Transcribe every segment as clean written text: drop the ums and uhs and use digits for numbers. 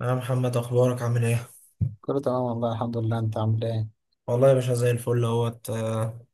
يا محمد، اخبارك عامل ايه؟ كله تمام والله، الحمد لله. انت عامل ايه؟ والله يا باشا، زي الفل اهوت.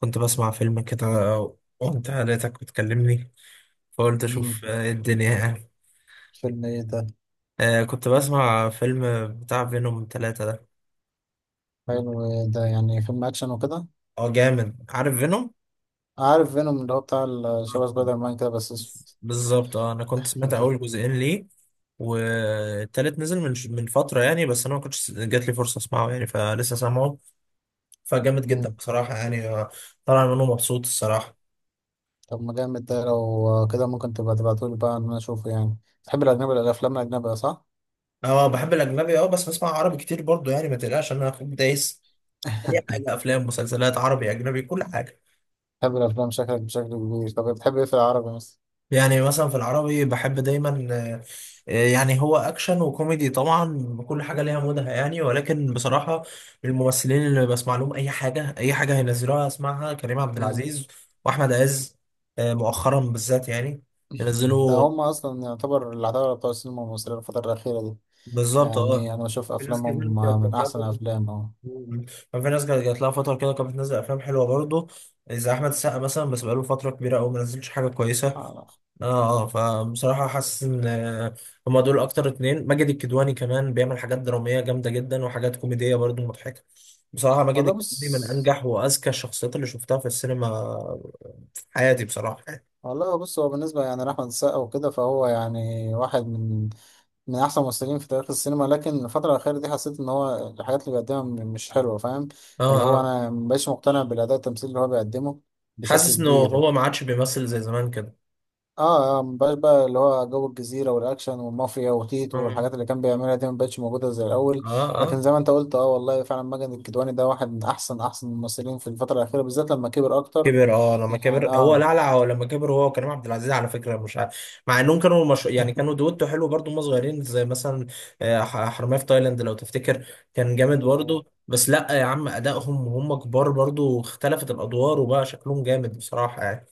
كنت بسمع فيلم كده وانت لقيتك بتكلمني، فقلت اشوف امم ايه الدنيا يعني. فيلم ايه ده؟ كنت بسمع فيلم بتاع فينوم ثلاثة ده. حلو. ايه ده، يعني فيلم اكشن وكده؟ اه، جامد. عارف فينوم؟ عارف فينوم اللي هو بتاع شبه سبايدر مان كده بس اسود. بالظبط. اه، انا كنت سمعت انت. اول جزئين ليه، والتالت نزل من فترة يعني، بس انا ما كنتش جات لي فرصة اسمعه يعني، فلسه سامعه، فجامد جدا امم بصراحة يعني. طالع منه مبسوط الصراحة. طب ما جامد ده، لو كده ممكن تبقى تبعتولي بقى ان انا اشوفه يعني. تحب الاجنبي، الافلام الاجنبيه صح؟ اه، بحب الاجنبي. اه بس بسمع عربي كتير برضو يعني، ما تقلقش انا اخوك دايس في اي حاجه، افلام مسلسلات عربي اجنبي كل حاجه. بتحب الافلام شكلك بشكل كبير. طب بتحب ايه في العربي مثلا؟ يعني مثلا في العربي بحب دايما يعني هو اكشن وكوميدي طبعا، كل حاجه ليها مودها يعني، ولكن بصراحه الممثلين اللي بسمع لهم اي حاجه اي حاجه هينزلوها اسمعها كريم عبد امم العزيز واحمد عز. مؤخرا بالذات يعني ده ينزلوا. هم اصلا يعتبر العتاوله بتوع السينما المصريه الفتره الاخيره دي، بالظبط. اه، يعني انا بشوف في ناس كتير افلامهم كانت من بتلاقي. احسن افلام اهو. مم. كان في ناس كانت جات لها فترة كده كانت بتنزل أفلام حلوة برضه، زي أحمد السقا مثلا، بس بقاله فترة كبيرة أوي ما نزلش حاجة كويسة. آه آه. فبصراحة حاسس إن هما دول أكتر اتنين. ماجد الكدواني كمان بيعمل حاجات درامية جامدة جدا وحاجات كوميدية برضه مضحكة. بصراحة ماجد والله الكدواني بص. من أنجح وأذكى الشخصيات اللي شفتها في السينما في حياتي بصراحة. والله بص، هو بالنسبة يعني لأحمد السقا وكده فهو يعني واحد من أحسن الممثلين في تاريخ السينما، لكن الفترة الأخيرة دي حسيت إن هو الحاجات اللي بيقدمها مش حلوة، فاهم؟ آه اللي هو آه. أنا مبقاش مقتنع بالأداء التمثيلي اللي هو بيقدمه بشكل حاسس إنه كبير. هو ما عادش بيمثل زي زمان كده. اه، مبقاش بقى اللي هو جو الجزيرة والأكشن والمافيا وتيتو آه والحاجات اللي كان بيعملها دي مبقتش موجودة زي الأول. آه. لكن زي ما أنت قلت، اه والله فعلا ماجد الكدواني ده واحد من أحسن أحسن الممثلين في الفترة الأخيرة بالذات لما كبر أكتر، كبر. اه لما يعني كبر هو اه. لعلع، هو لما كبر هو وكريم عبد العزيز على فكره. مش عارف، مع انهم كانوا مش... يعني كانوا دويتو حلو برضو هم صغيرين، زي مثلا حرامية في تايلاند لو تفتكر، كان جامد برضو. بس لا يا عم، ادائهم وهم كبار برضو اختلفت الادوار وبقى شكلهم جامد بصراحه يعني.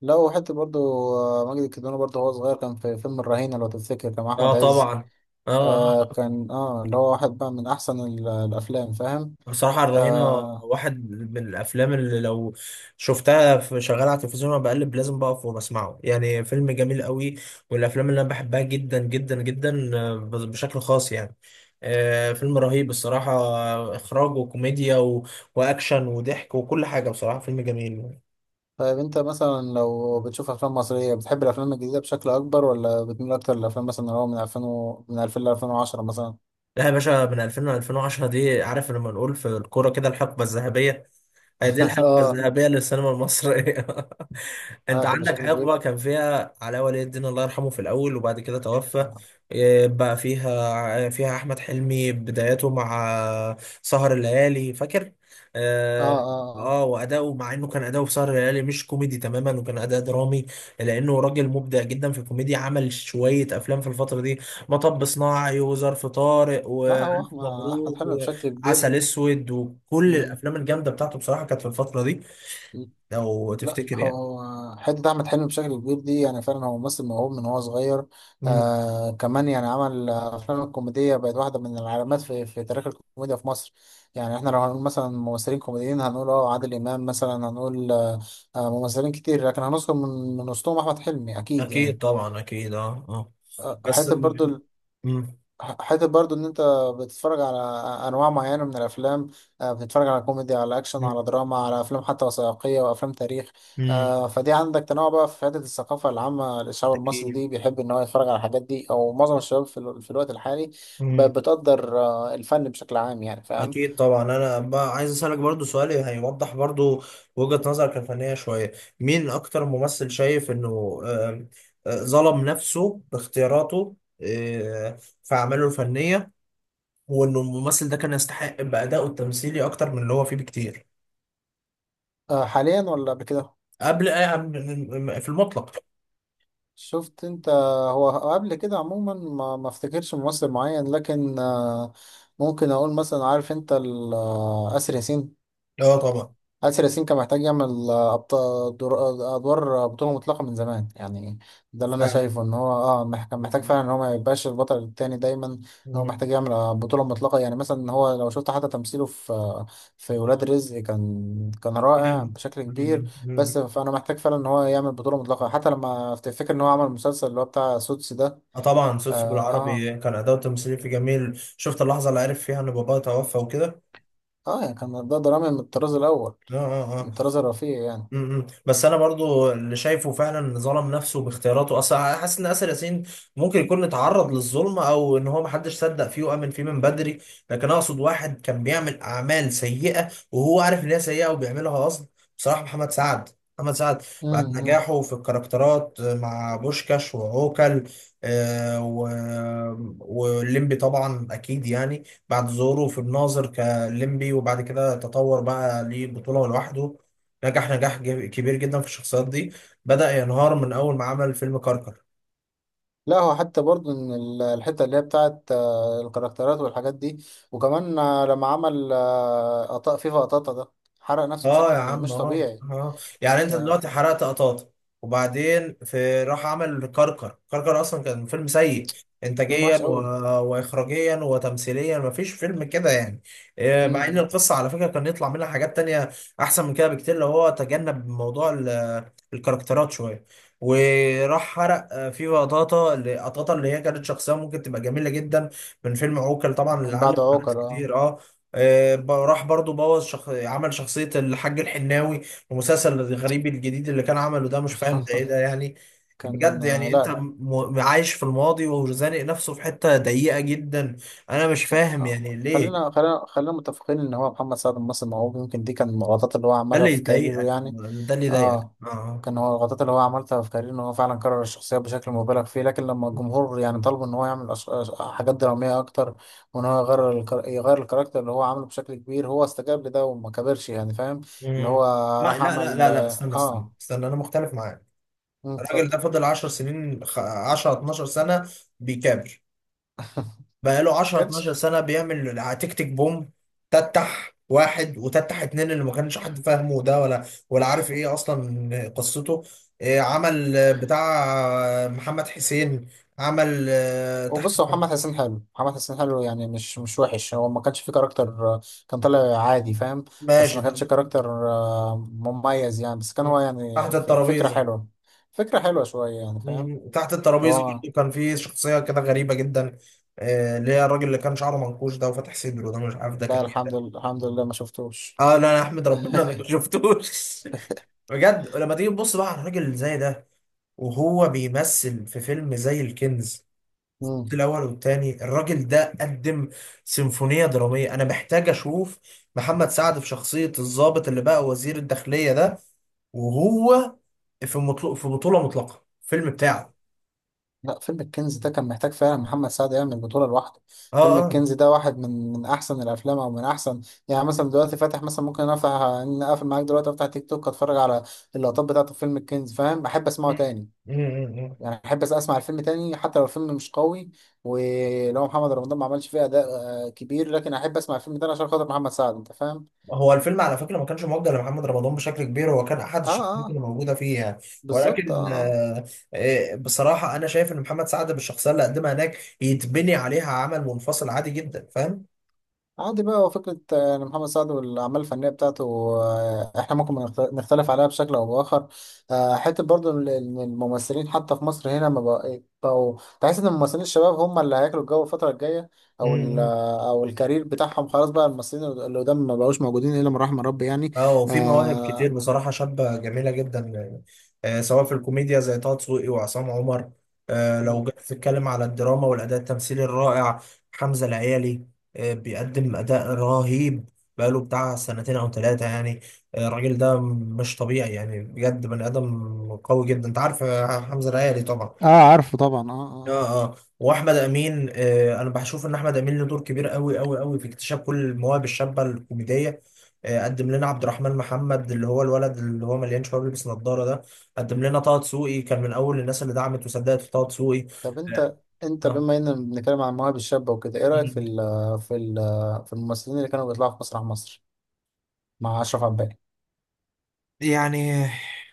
لا، وحتى برضو ماجد الكدواني برضو هو صغير كان في فيلم الرهينة لو تفتكر، كان مع اه أحمد عز. طبعا. اه اه. كان اه اللي هو واحد بقى من أحسن الأفلام، فاهم؟ بصراحة الرهينة آه واحد من الأفلام اللي لو شفتها في شغالة على التلفزيون وأنا بقلب، لازم بقف وبسمعه، يعني فيلم جميل قوي. والأفلام اللي أنا بحبها جدا جدا جدا بشكل خاص يعني. فيلم رهيب الصراحة. إخراج وكوميديا و... وأكشن وضحك وكل حاجة، بصراحة فيلم جميل. طيب أنت مثلا لو بتشوف أفلام مصرية بتحب الأفلام الجديدة بشكل أكبر ولا بتميل أكتر للأفلام مثلا اللي هو من 2000 من 2000 ل 2010 مثلا؟ لا يا باشا، من 2000 ل 2010 دي عارف لما نقول في الكورة كده الحقبة الذهبية. هي دي الحقبة اه الذهبية للسينما المصرية. اه، انت كان عندك بشكل كبير. حقبة كان فيها علاء ولي الدين الله يرحمه في الأول وبعد كده توفى. اه إيه بقى، فيها أحمد حلمي بدايته مع سهر الليالي، فاكر؟ اه اه. اه، وأداؤه، مع إنه كان أداؤه في سهر الليالي مش كوميدي تماما وكان أداء درامي، لأنه راجل مبدع جدا في الكوميديا. عمل شوية أفلام في الفترة دي: مطب صناعي وظرف طارق لا هو والف أحمد مبروك حلمي بشكل كبير. وعسل اسود، وكل الافلام الجامده بتاعته بصراحه كانت في الفتره دي، مم. لو لا، تفتكر يعني. هو حتة أحمد حلمي بشكل كبير دي، يعني فعلا هو ممثل موهوب من هو صغير. مم. كمان يعني عمل أفلام الكوميدية بقت واحدة من العلامات في تاريخ الكوميديا في مصر. يعني إحنا لو هنقول مثلا ممثلين كوميديين هنقول عادل إمام مثلا، هنقول ممثلين كتير لكن هنذكر من وسطهم أحمد حلمي أكيد اكيد يعني. طبعا، اكيد اه اه. آه، بس حتة م- برضو م- حته برضو ان انت بتتفرج على انواع معينه من الافلام. بتتفرج على كوميدي، على اكشن، مم. على دراما، على افلام حتى وثائقيه وافلام تاريخ. مم. فدي عندك تنوع بقى في حته الثقافه العامه للشعب المصري، اكيد. دي بيحب ان هو يتفرج على الحاجات دي، او معظم الشباب في الوقت الحالي مم. بتقدر الفن بشكل عام يعني، فاهم؟ اكيد طبعا. انا بقى عايز اسالك برضو سؤال هيوضح برضو وجهة نظرك الفنيه شويه: مين اكتر ممثل شايف انه آم، آه، ظلم نفسه باختياراته آه، في اعماله الفنيه، هو انه الممثل ده كان يستحق بأدائه التمثيلي اكتر من اللي هو فيه بكتير؟ حاليا ولا قبل كده؟ قبل، في المطلق. شفت انت، هو قبل كده عموما ما افتكرش ممثل معين لكن ممكن اقول مثلا، عارف انت آسر ياسين. اه طبعا. آسر ياسين كان محتاج يعمل أبطال أدوار بطولة مطلقة من زمان يعني. ده اللي أنا فعلا. شايفه إن هو كان محتاج مم. فعلا إن هو ما يبقاش البطل التاني دايما، إن هو محتاج يعمل بطولة مطلقة يعني. مثلا هو لو شفت حتى تمثيله في ولاد رزق كان كان رائع جامد. بشكل كبير. مم. مم. بس فأنا محتاج فعلا إن هو يعمل بطولة مطلقة، حتى لما تفتكر إن هو عمل مسلسل اللي هو بتاع سوتس ده، اه طبعا، سوسو آه آه بالعربي كان أداؤه التمثيلي في جميل. شفت اللحظة اللي عرف فيها ان باباه توفى وكده؟ يعني كان ده درامي من الطراز الأول، اه اه. من آه. الطراز الرفيع م- م. بس انا برضو اللي شايفه فعلا ظلم نفسه باختياراته اصلا، حاسس ان اسر ياسين ممكن يكون اتعرض للظلم، او ان هو محدش صدق فيه وامن فيه من بدري. لكن اقصد واحد كان بيعمل اعمال سيئه وهو عارف ان هي سيئه وبيعملها قصد، بصراحه محمد سعد. محمد سعد بعد يعني. نجاحه في الكاركترات مع بوشكاش وعوكل آه و... والليمبي طبعا اكيد يعني، بعد ظهوره في الناظر كليمبي وبعد كده تطور بقى ليه بطوله لوحده، نجح نجاح كبير جدا في الشخصيات دي. بدأ ينهار من أول ما عمل فيلم كركر. لا هو حتى برضو ان الحته اللي هي بتاعت الكاركترات والحاجات دي، وكمان لما عمل قطا فيفا قطاطا ده، حرق نفسه اه يا بشكل عم، مش اه طبيعي. اه. يعني انت دلوقتي يعني حرقت قطاطا، وبعدين في راح عمل كركر. كركر اصلا كان فيلم سيء فيلم انتاجيا وحش و... قوي. واخراجيا وتمثيليا، مفيش فيلم كده يعني. مع ان مم. القصه على فكره كان يطلع منها حاجات تانية احسن من كده بكتير، لو هو تجنب موضوع ال... الكاركترات شويه، وراح حرق فيفا قطاطا اللي قطاطا اللي هي كانت شخصيه ممكن تبقى جميله جدا من فيلم عوكل طبعا، اللي من بعد علم مع ناس عوكر. كتير اه. راح برضو بوظ عمل شخصية الحاج الحناوي في المسلسل الغريب الجديد اللي كان عمله ده. مش فاهم ده ايه ده يعني. كان بجد يعني انت لا. عايش في الماضي وزانق نفسه في حتة ضيقة جدا. انا مش لا، فاهم يعني ليه. خلينا خلينا خلينا متفقين ان هو محمد سعد ممثل موهوب، يمكن دي كان من الغلطات اللي هو ده عملها اللي في كاريره يضايقك، يعني. ده اللي يضايقك اه، اه. كان هو الغلطات اللي هو عملتها في كارير ان هو فعلا كرر الشخصيات بشكل مبالغ فيه، لكن لما الجمهور يعني طلبوا ان هو يعمل حاجات درامية اكتر، وان هو يغير الكاركتر اللي هو عامله بشكل كبير، هو استجاب لده وما كبرش يعني، فاهم؟ اللي هو مم. ما راح لا لا عمل. لا لا، استنى استنى اه. استنى، انا مختلف معاك. الراجل اتفضل. ده فضل 10 سنين 10 12 سنة بيكابر. بقاله 10 12 كاتش. سنة بيعمل تيك تيك بوم، تتح واحد وتتح اتنين، اللي ما كانش حد فاهمه ده ولا ولا عارف ايه اصلا قصته. إيه، عمل بتاع محمد حسين. عمل وبص، هو محمد حسين حلو، محمد حسين حلو، يعني مش وحش، هو ما كانش فيه كاركتر. آه، كان طالع عادي، فاهم؟ بس ماشي ما كانش طب، كاركتر مميز يعني، بس كان هو تحت يعني الترابيزة. فكرة حلوة شوية يعني، فاهم؟ تحت الترابيزة هو، برضه كان في شخصية كده غريبة جدا، اللي هي الراجل اللي كان شعره منكوش ده وفاتح صدره ده، مش عارف ده لا. كان ايه الحمد ده. لله الحمد لله ما شفتوش. اه لا، انا احمد ربنا انا ما شفتوش. بجد، ولما تيجي تبص بقى على الراجل اللي زي ده وهو بيمثل في فيلم زي الكنز مم. الأول والتاني، الراجل ده قدم سيمفونية درامية. أنا محتاج أشوف محمد سعد في شخصية الضابط اللي بقى وزير الداخلية ده، وهو في بطولة مطلقة الفيلم بتاعه. لا، فيلم الكنز ده كان محتاج فعلا محمد سعد يعمل بطولة لوحده. اه فيلم اه. الكنز ده واحد من احسن الافلام او من احسن، يعني مثلا دلوقتي فاتح، مثلا ممكن افتح ان اقفل معاك دلوقتي، افتح تيك توك، اتفرج على اللقطات بتاعته في فيلم الكنز، فاهم؟ احب اسمعه مم. تاني مم، مم. يعني، احب اسمع الفيلم تاني حتى لو الفيلم مش قوي، ولو محمد رمضان ما عملش فيه اداء كبير، لكن احب اسمع الفيلم تاني عشان خاطر محمد سعد، انت فاهم. هو الفيلم على فكرة ما كانش موجه لمحمد رمضان بشكل كبير، هو كان أحد اه اه، الشخصيات اللي موجودة فيه يعني. بالظبط اه. ولكن آه. بصراحة أنا شايف إن محمد سعد بالشخصية اللي قدمها هناك يتبني عليها عمل منفصل عادي جدا، فاهم. عادي بقى، هو فكرة إن محمد سعد والأعمال الفنية بتاعته، إحنا ممكن نختلف عليها بشكل أو بآخر. حتة برضو إن الممثلين حتى في مصر هنا ما بقى- بقوا، تحس إن الممثلين الشباب هم اللي هياكلوا الجو الفترة الجاية، أو ال امم آه، أو الكارير بتاعهم خلاص بقى، الممثلين اللي قدام ما بقوش موجودين إلا من رحم ربي يعني. اه، وفي مواهب كتير آه بصراحة شابة جميلة جدا يعني، آه سواء في الكوميديا زي طه دسوقي وعصام عمر. آه لو مم. جيت تتكلم على الدراما والأداء التمثيلي الرائع، حمزة العيالي آه بيقدم أداء رهيب بقاله بتاع سنتين أو ثلاثة يعني. آه الراجل ده مش طبيعي يعني، بجد بني آدم قوي جدا. أنت عارف حمزة العيالي طبعا؟ اه، عارفه طبعا. اه اه. اه اه. واحمد امين آه، انا بشوف ان احمد امين له دور كبير قوي قوي قوي في اكتشاف كل المواهب الشابه الكوميديه. آه قدم لنا عبد الرحمن محمد اللي هو الولد اللي هو مليان شباب بيلبس نظاره ده. قدم لنا طه دسوقي، كان من اول الناس اللي دعمت وصدقت في طه دسوقي. طب اه. أنت آه. بما إننا بنتكلم عن المواهب الشابة وكده، إيه رأيك في مم. ال في ال في الممثلين اللي كانوا بيطلعوا في مسرح مصر مع أشرف عباس؟ يعني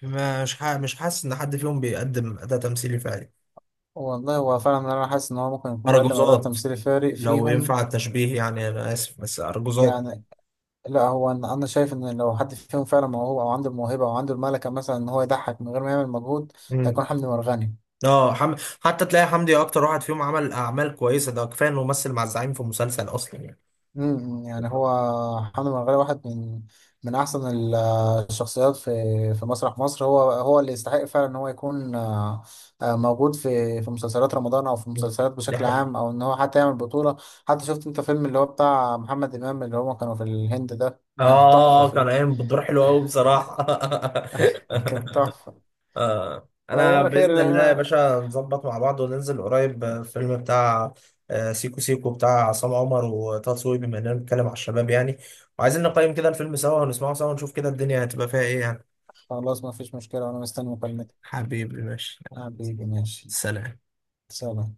مش حاسس ان حد فيهم بيقدم اداء تمثيلي فعلي. والله هو فعلا، انا حاسس ان هو ممكن يكون بيقدم اداء ارجوزات، تمثيلي فارق لو فيهم، ينفع التشبيه يعني انا اسف، بس ارجوزات. يعني. لا هو انا، أنا شايف ان لو حد فيهم فعلا موهوب او عنده الموهبه او عنده الملكه مثلا ان هو يضحك من غير ما يعمل مجهود، مم. هيكون حمدي مرغني. اه حتى تلاقي حمدي اكتر واحد فيهم عمل اعمال كويسه، ده كفايه انه مثل مع الزعيم في مسلسل اصلا يعني. يعني بالظبط. هو حمد مرغلي واحد من احسن الشخصيات في في مسرح مصر، هو هو اللي يستحق فعلا ان هو يكون موجود في مسلسلات رمضان او في مسلسلات دي بشكل حلوه. عام، او ان هو حتى يعمل بطولة. حتى شفت انت فيلم اللي هو بتاع محمد امام اللي هما كانوا في الهند ده؟ كان تحفة اه، كان فيه. قايم بدور حلو قوي بصراحه. كان تحفة. آه. انا فيلا خير. باذن الله يا باشا نظبط مع بعض وننزل قريب الفيلم بتاع سيكو سيكو بتاع عصام عمر وطه دسوقي، بما اننا بنتكلم على الشباب يعني وعايزين نقيم كده الفيلم سوا ونسمعه سوا ونشوف كده الدنيا هتبقى فيها ايه يعني. خلاص ما فيش مشكلة، وانا مستني مكالمتك. حبيبي ماشي. حبيبي ماشي. سلام. سلام.